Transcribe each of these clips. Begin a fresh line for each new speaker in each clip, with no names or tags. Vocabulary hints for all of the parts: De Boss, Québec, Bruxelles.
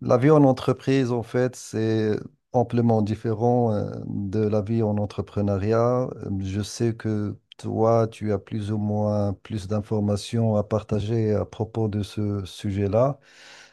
La vie en entreprise, en fait, c'est amplement différent de la vie en entrepreneuriat. Je sais que toi, tu as plus ou moins plus d'informations à partager à propos de ce sujet-là.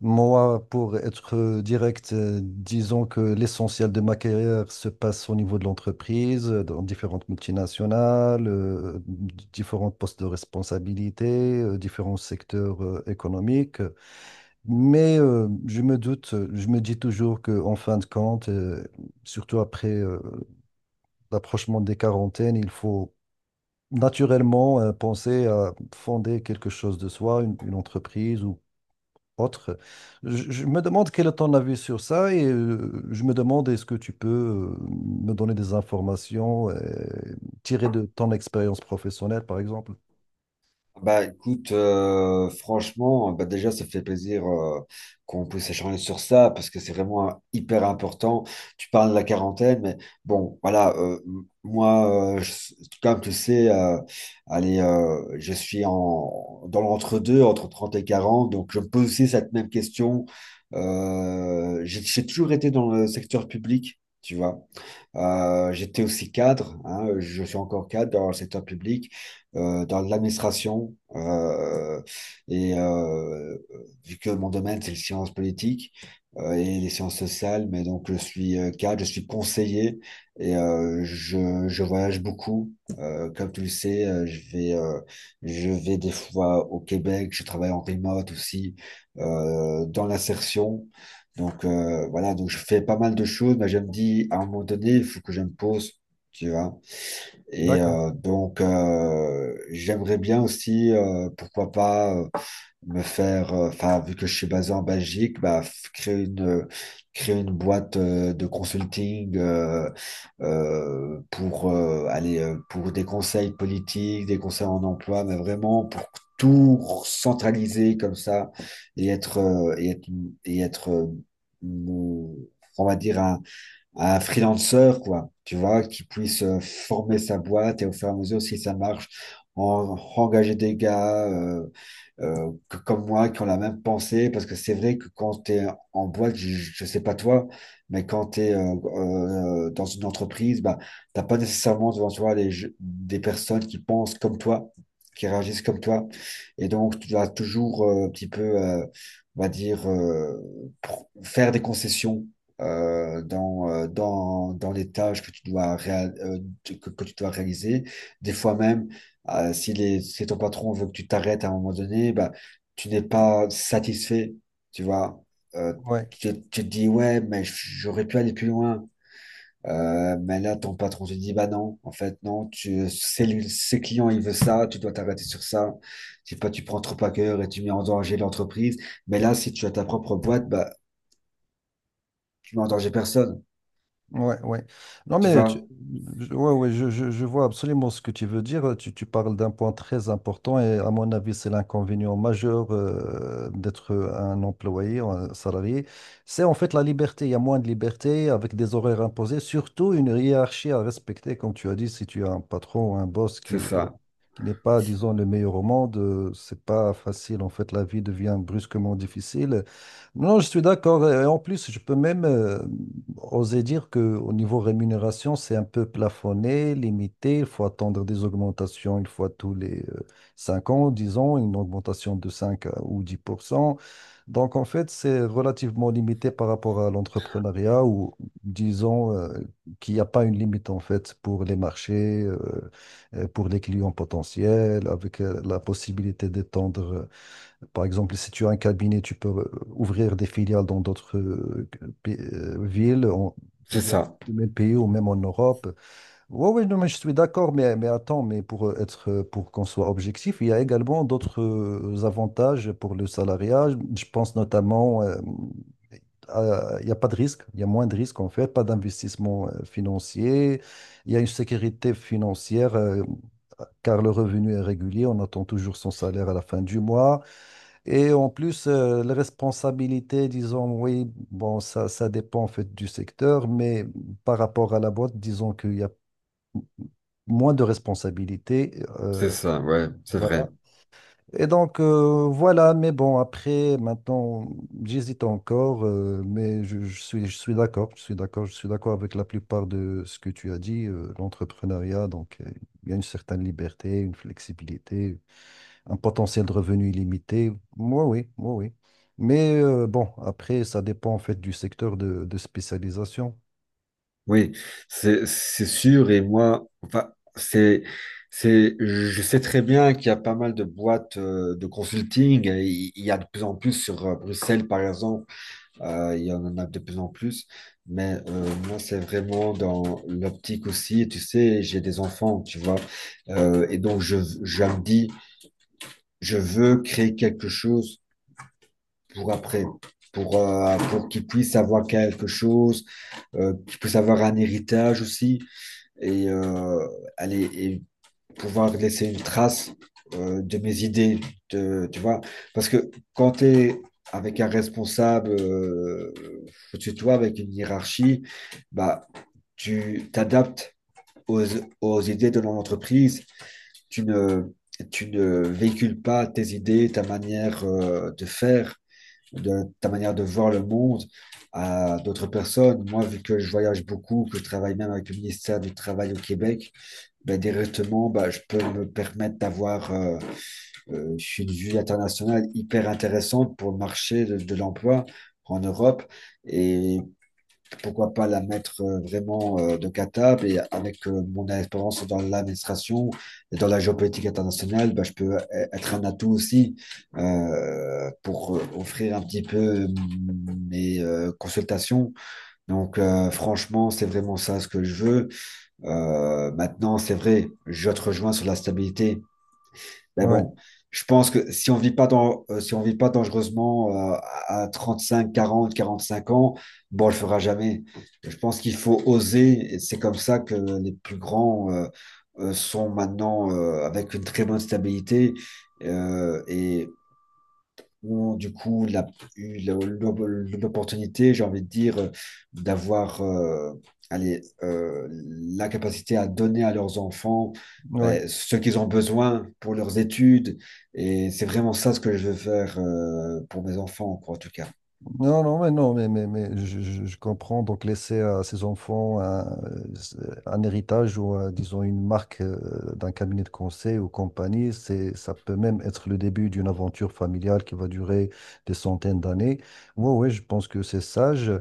Moi, pour être direct, disons que l'essentiel de ma carrière se passe au niveau de l'entreprise, dans différentes multinationales, différents postes de responsabilité, différents secteurs économiques. Mais je me doute, je me dis toujours qu'en fin de compte, surtout après l'approchement des quarantaines, il faut naturellement penser à fonder quelque chose de soi, une entreprise ou autre. Je me demande quel est ton avis sur ça et je me demande est-ce que tu peux me donner des informations tirées de ton expérience professionnelle, par exemple.
Bah écoute, franchement, bah déjà ça fait plaisir qu'on puisse échanger sur ça parce que c'est vraiment hyper important. Tu parles de la quarantaine, mais bon, voilà, comme tu sais, allez, je suis dans l'entre-deux, entre 30 et 40 donc je me pose aussi cette même question. J'ai toujours été dans le secteur public, tu vois. J'étais aussi cadre, hein, je suis encore cadre dans le secteur public, dans l'administration. Et vu que mon domaine, c'est les sciences politiques et les sciences sociales, mais donc je suis cadre, je suis conseiller et je voyage beaucoup. Comme tu le sais, je vais des fois au Québec, je travaille en remote aussi, dans l'insertion. Donc voilà, donc je fais pas mal de choses, mais je me dis à un moment donné, il faut que je me pose, tu vois. Et
D'accord.
donc, j'aimerais bien aussi, pourquoi pas, me faire, enfin, vu que je suis basé en Belgique, bah, créer une boîte de consulting pour aller pour des conseils politiques, des conseils en emploi, mais vraiment pour tout centraliser comme ça et être, mon- on va dire, un freelancer, quoi, tu vois, qui puisse former sa boîte et au fur et à mesure, si ça marche, engager des gars comme moi qui ont la même pensée. Parce que c'est vrai que quand tu es en boîte, je sais pas toi, mais quand tu es dans une entreprise, bah, t'as pas nécessairement devant toi des personnes qui pensent comme toi, qui réagissent comme toi. Et donc, tu dois toujours un petit peu, on va dire, faire des concessions dans les tâches que tu dois, que tu dois réaliser. Des fois même, si ton patron veut que tu t'arrêtes à un moment donné, bah, tu n'es pas satisfait, tu vois. Euh,
Oui.
tu te dis, ouais, mais j'aurais pu aller plus loin. Mais là, ton patron te dit, bah non, en fait, non, ses clients, il veut ça, tu dois t'arrêter sur ça. Si pas, tu prends trop à cœur et tu mets en danger l'entreprise. Mais là, si tu as ta propre boîte, bah, tu mets en danger personne,
Ouais, ouais. Non,
tu
mais
vois.
ouais, ouais, je vois absolument ce que tu veux dire. Tu parles d'un point très important et à mon avis, c'est l'inconvénient majeur d'être un employé, un salarié. C'est en fait la liberté. Il y a moins de liberté avec des horaires imposés, surtout une hiérarchie à respecter. Comme tu as dit, si tu as un patron ou un boss
C'est ça.
qui n'est pas, disons, le meilleur au monde, c'est pas facile. En fait, la vie devient brusquement difficile. Non, je suis d'accord. Et en plus, je peux même oser dire qu'au niveau rémunération, c'est un peu plafonné, limité. Il faut attendre des augmentations une fois tous les 5 ans, 10 ans, une augmentation de 5 ou 10%. Donc, en fait, c'est relativement limité par rapport à l'entrepreneuriat ou, disons, qu'il n'y a pas une limite, en fait, pour les marchés, pour les clients potentiels, avec la possibilité d'étendre par exemple, si tu as un cabinet, tu peux ouvrir des filiales dans d'autres villes,
C'est
dans
ça,
le même pays ou même en Europe. Oui, oui, non, mais je suis d'accord, mais attends, mais pour être, pour qu'on soit objectif, il y a également d'autres avantages pour le salariat. Je pense notamment, il n'y a pas de risque, il y a moins de risques en fait, pas d'investissement financier, il y a une sécurité financière, car le revenu est régulier, on attend toujours son salaire à la fin du mois. Et en plus, les responsabilités, disons, oui, bon, ça dépend en fait du secteur, mais par rapport à la boîte, disons qu'il y a moins de responsabilités.
c'est
euh,
ça, ouais, c'est vrai.
voilà. Et donc, voilà, mais bon, après, maintenant, j'hésite encore, mais je suis d'accord, je suis d'accord, je suis d'accord avec la plupart de ce que tu as dit, l'entrepreneuriat, donc, il y a une certaine liberté, une flexibilité un potentiel de revenu illimité. Moi, oui, moi, oui. Mais bon, après, ça dépend en fait du secteur de spécialisation.
Oui, c'est sûr. Et moi, enfin, je sais très bien qu'il y a pas mal de boîtes de consulting. Et il y a de plus en plus sur Bruxelles, par exemple. Il y en a de plus en plus, mais moi, c'est vraiment dans l'optique aussi. Tu sais, j'ai des enfants, tu vois, et donc je me dis, je veux créer quelque chose pour après, pour qu'ils puissent avoir quelque chose, qu'ils puissent avoir un héritage aussi. Et allez, et pouvoir laisser une trace de mes idées, de, tu vois. Parce que quand tu es avec un responsable au-dessus de toi, avec une hiérarchie, bah, tu t'adaptes aux, aux idées de l'entreprise. Tu ne, Tu ne véhicules pas tes idées, ta manière de faire, de, ta manière de voir le monde à d'autres personnes. Moi, vu que je voyage beaucoup, que je travaille même avec le ministère du Travail au Québec, ben, directement, ben, je peux me permettre d'avoir une vue internationale hyper intéressante pour le marché de l'emploi en Europe et pourquoi pas la mettre vraiment de catable et avec mon expérience dans l'administration et dans la géopolitique internationale, ben, je peux être un atout aussi pour offrir un petit peu mes consultations. Donc franchement, c'est vraiment ça ce que je veux. Maintenant, c'est vrai, je te rejoins sur la stabilité. Mais
Ouais,
bon, je pense que si on vit pas si on vit pas dangereusement à 35, 40, 45 ans, bon, on le fera jamais. Je pense qu'il faut oser. Et c'est comme ça que les plus grands sont maintenant avec une très bonne stabilité et ont du coup eu la- l'opportunité, j'ai envie de dire, d'avoir allez, la capacité à donner à leurs enfants
ouais.
ben, ce qu'ils ont besoin pour leurs études. Et c'est vraiment ça ce que je veux faire pour mes enfants, quoi, en tout cas.
Non, non, mais non, mais je comprends. Donc, laisser à ses enfants un héritage ou, disons, une marque d'un cabinet de conseil ou compagnie, c'est, ça peut même être le début d'une aventure familiale qui va durer des centaines d'années. Oui, oui, je pense que c'est sage.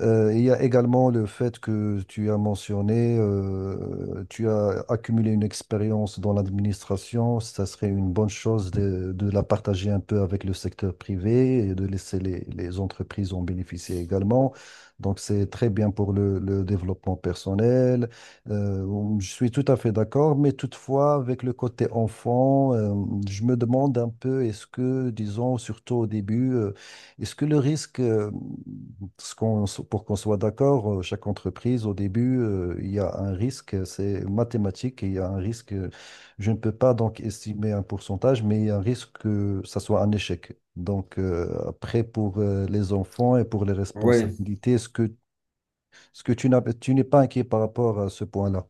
Il y a également le fait que tu as mentionné, tu as accumulé une expérience dans l'administration. Ça serait une bonne chose de la partager un peu avec le secteur privé et de laisser les entreprises en bénéficier également. Donc, c'est très bien pour le développement personnel. Euh, je suis tout à fait d'accord, mais toutefois, avec le côté enfant, je me demande un peu, est-ce que, disons, surtout au début, est-ce que le risque, parce pour qu'on soit d'accord, chaque entreprise, au début, il y a un risque, c'est mathématique, et il y a un risque, je ne peux pas donc estimer un pourcentage, mais il y a un risque que ça soit un échec. Donc après, pour les enfants et pour les
Oui.
responsabilités, est-ce que tu n'es pas inquiet par rapport à ce point-là?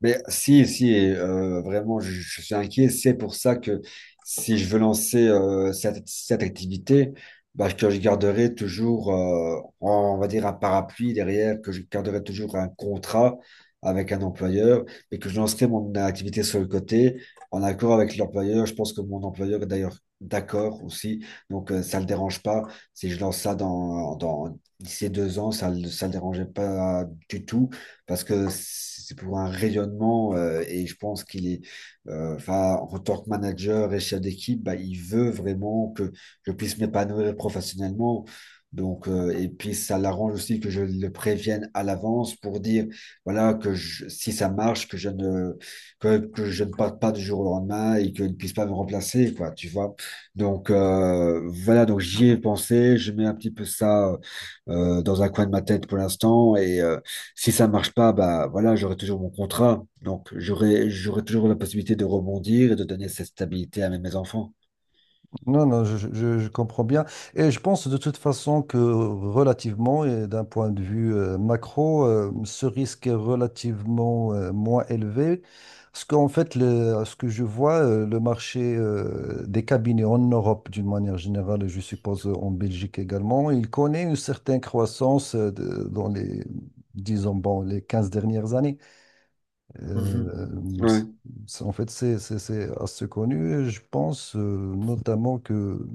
Mais si, si, vraiment, je suis inquiet. C'est pour ça que si je veux lancer cette activité, bah, que je garderai toujours, on va dire, un parapluie derrière, que je garderai toujours un contrat avec un employeur, et que je lancerai mon activité sur le côté, en accord avec l'employeur. Je pense que mon employeur est d'ailleurs d'accord aussi, donc ça ne le dérange pas. Si je lance ça dans d'ici 2 ans, ça le dérangeait pas du tout parce que c'est pour un rayonnement et je pense qu'il est, enfin, en tant que manager et chef d'équipe, bah, il veut vraiment que je puisse m'épanouir professionnellement. Donc, et puis ça l'arrange aussi que je le prévienne à l'avance pour dire, voilà, si ça marche, que je ne parte pas du jour au lendemain et qu'il ne puisse pas me remplacer, quoi, tu vois. Donc, voilà, donc j'y ai pensé, je mets un petit peu ça dans un coin de ma tête pour l'instant et si ça marche pas, bah voilà, j'aurai toujours mon contrat. Donc j'aurai toujours la possibilité de rebondir et de donner cette stabilité à mes enfants.
Non, non, je comprends bien. Et je pense de toute façon que relativement, et d'un point de vue macro, ce risque est relativement moins élevé. Parce qu'en fait, ce que je vois, le marché des cabinets en Europe, d'une manière générale, et je suppose en Belgique également, il connaît une certaine croissance dans les, disons, bon, les 15 dernières années.
Mhm.
Euh,
Ouais.
c'est- en fait, c'est assez connu. Et je pense notamment que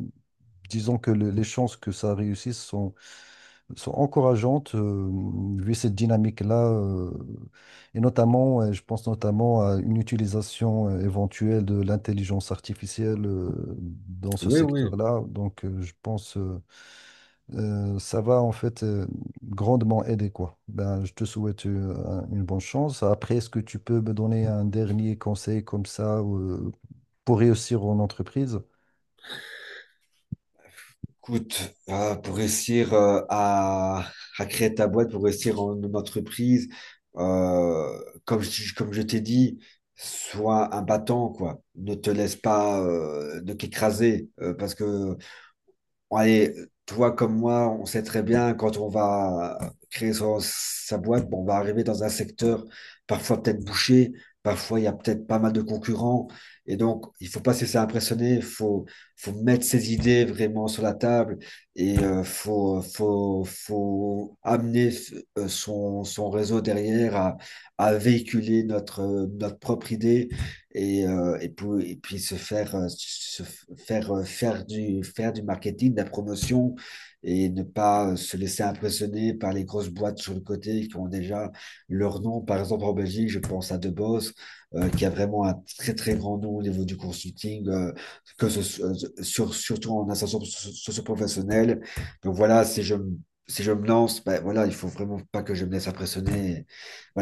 disons que les chances que ça réussisse sont, encourageantes vu cette dynamique-là. Et notamment, je pense notamment à une utilisation éventuelle de l'intelligence artificielle dans ce
Oui, oui.
secteur-là. Donc, je pense ça va en fait grandement aider, quoi. Ben, je te souhaite une bonne chance. Après, est-ce que tu peux me donner un dernier conseil comme ça pour réussir en entreprise?
Écoute, pour réussir à créer ta boîte, pour réussir en une entreprise, euh, comme je t'ai dit, sois un battant, quoi. Ne te laisse pas de qu'écraser, parce que allez, toi comme moi, on sait très bien quand on va créer sa boîte, bon, on va arriver dans un secteur parfois peut-être bouché, parfois il y a peut-être pas mal de concurrents. Et donc, il faut pas se laisser impressionner, faut mettre ses idées vraiment sur la table et faut amener son réseau derrière à véhiculer notre propre idée et puis se faire, faire du marketing, de la promotion et ne pas se laisser impressionner par les grosses boîtes sur le côté qui ont déjà leur nom. Par exemple, en Belgique, je pense à De Boss, qui a vraiment un très, très grand nom au niveau du consulting, que ce, soit- sur, surtout en ascension socio-professionnelle. Donc voilà, si je me lance, ben voilà, il faut vraiment pas que je me laisse impressionner.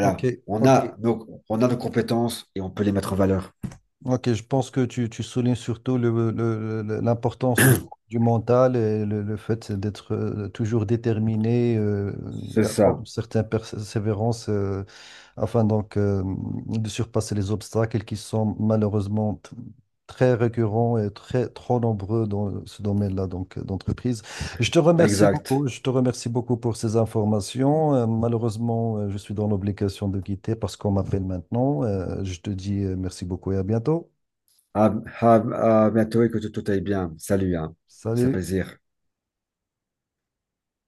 Ok, ok,
on a nos compétences et on peut les mettre en valeur.
ok. Je pense que tu soulignes surtout l'importance du mental et le fait d'être toujours déterminé et
C'est
avoir
ça,
une certaine persévérance, afin donc de surpasser les obstacles qui sont malheureusement très récurrents et très trop nombreux dans ce domaine-là donc d'entreprise. Je te remercie
exact.
beaucoup, je te remercie beaucoup pour ces informations. Malheureusement, je suis dans l'obligation de quitter parce qu'on m'appelle maintenant. Je te dis merci beaucoup et à bientôt.
À, à bientôt et que tout aille bien. Salut, hein. C'est
Salut.
plaisir.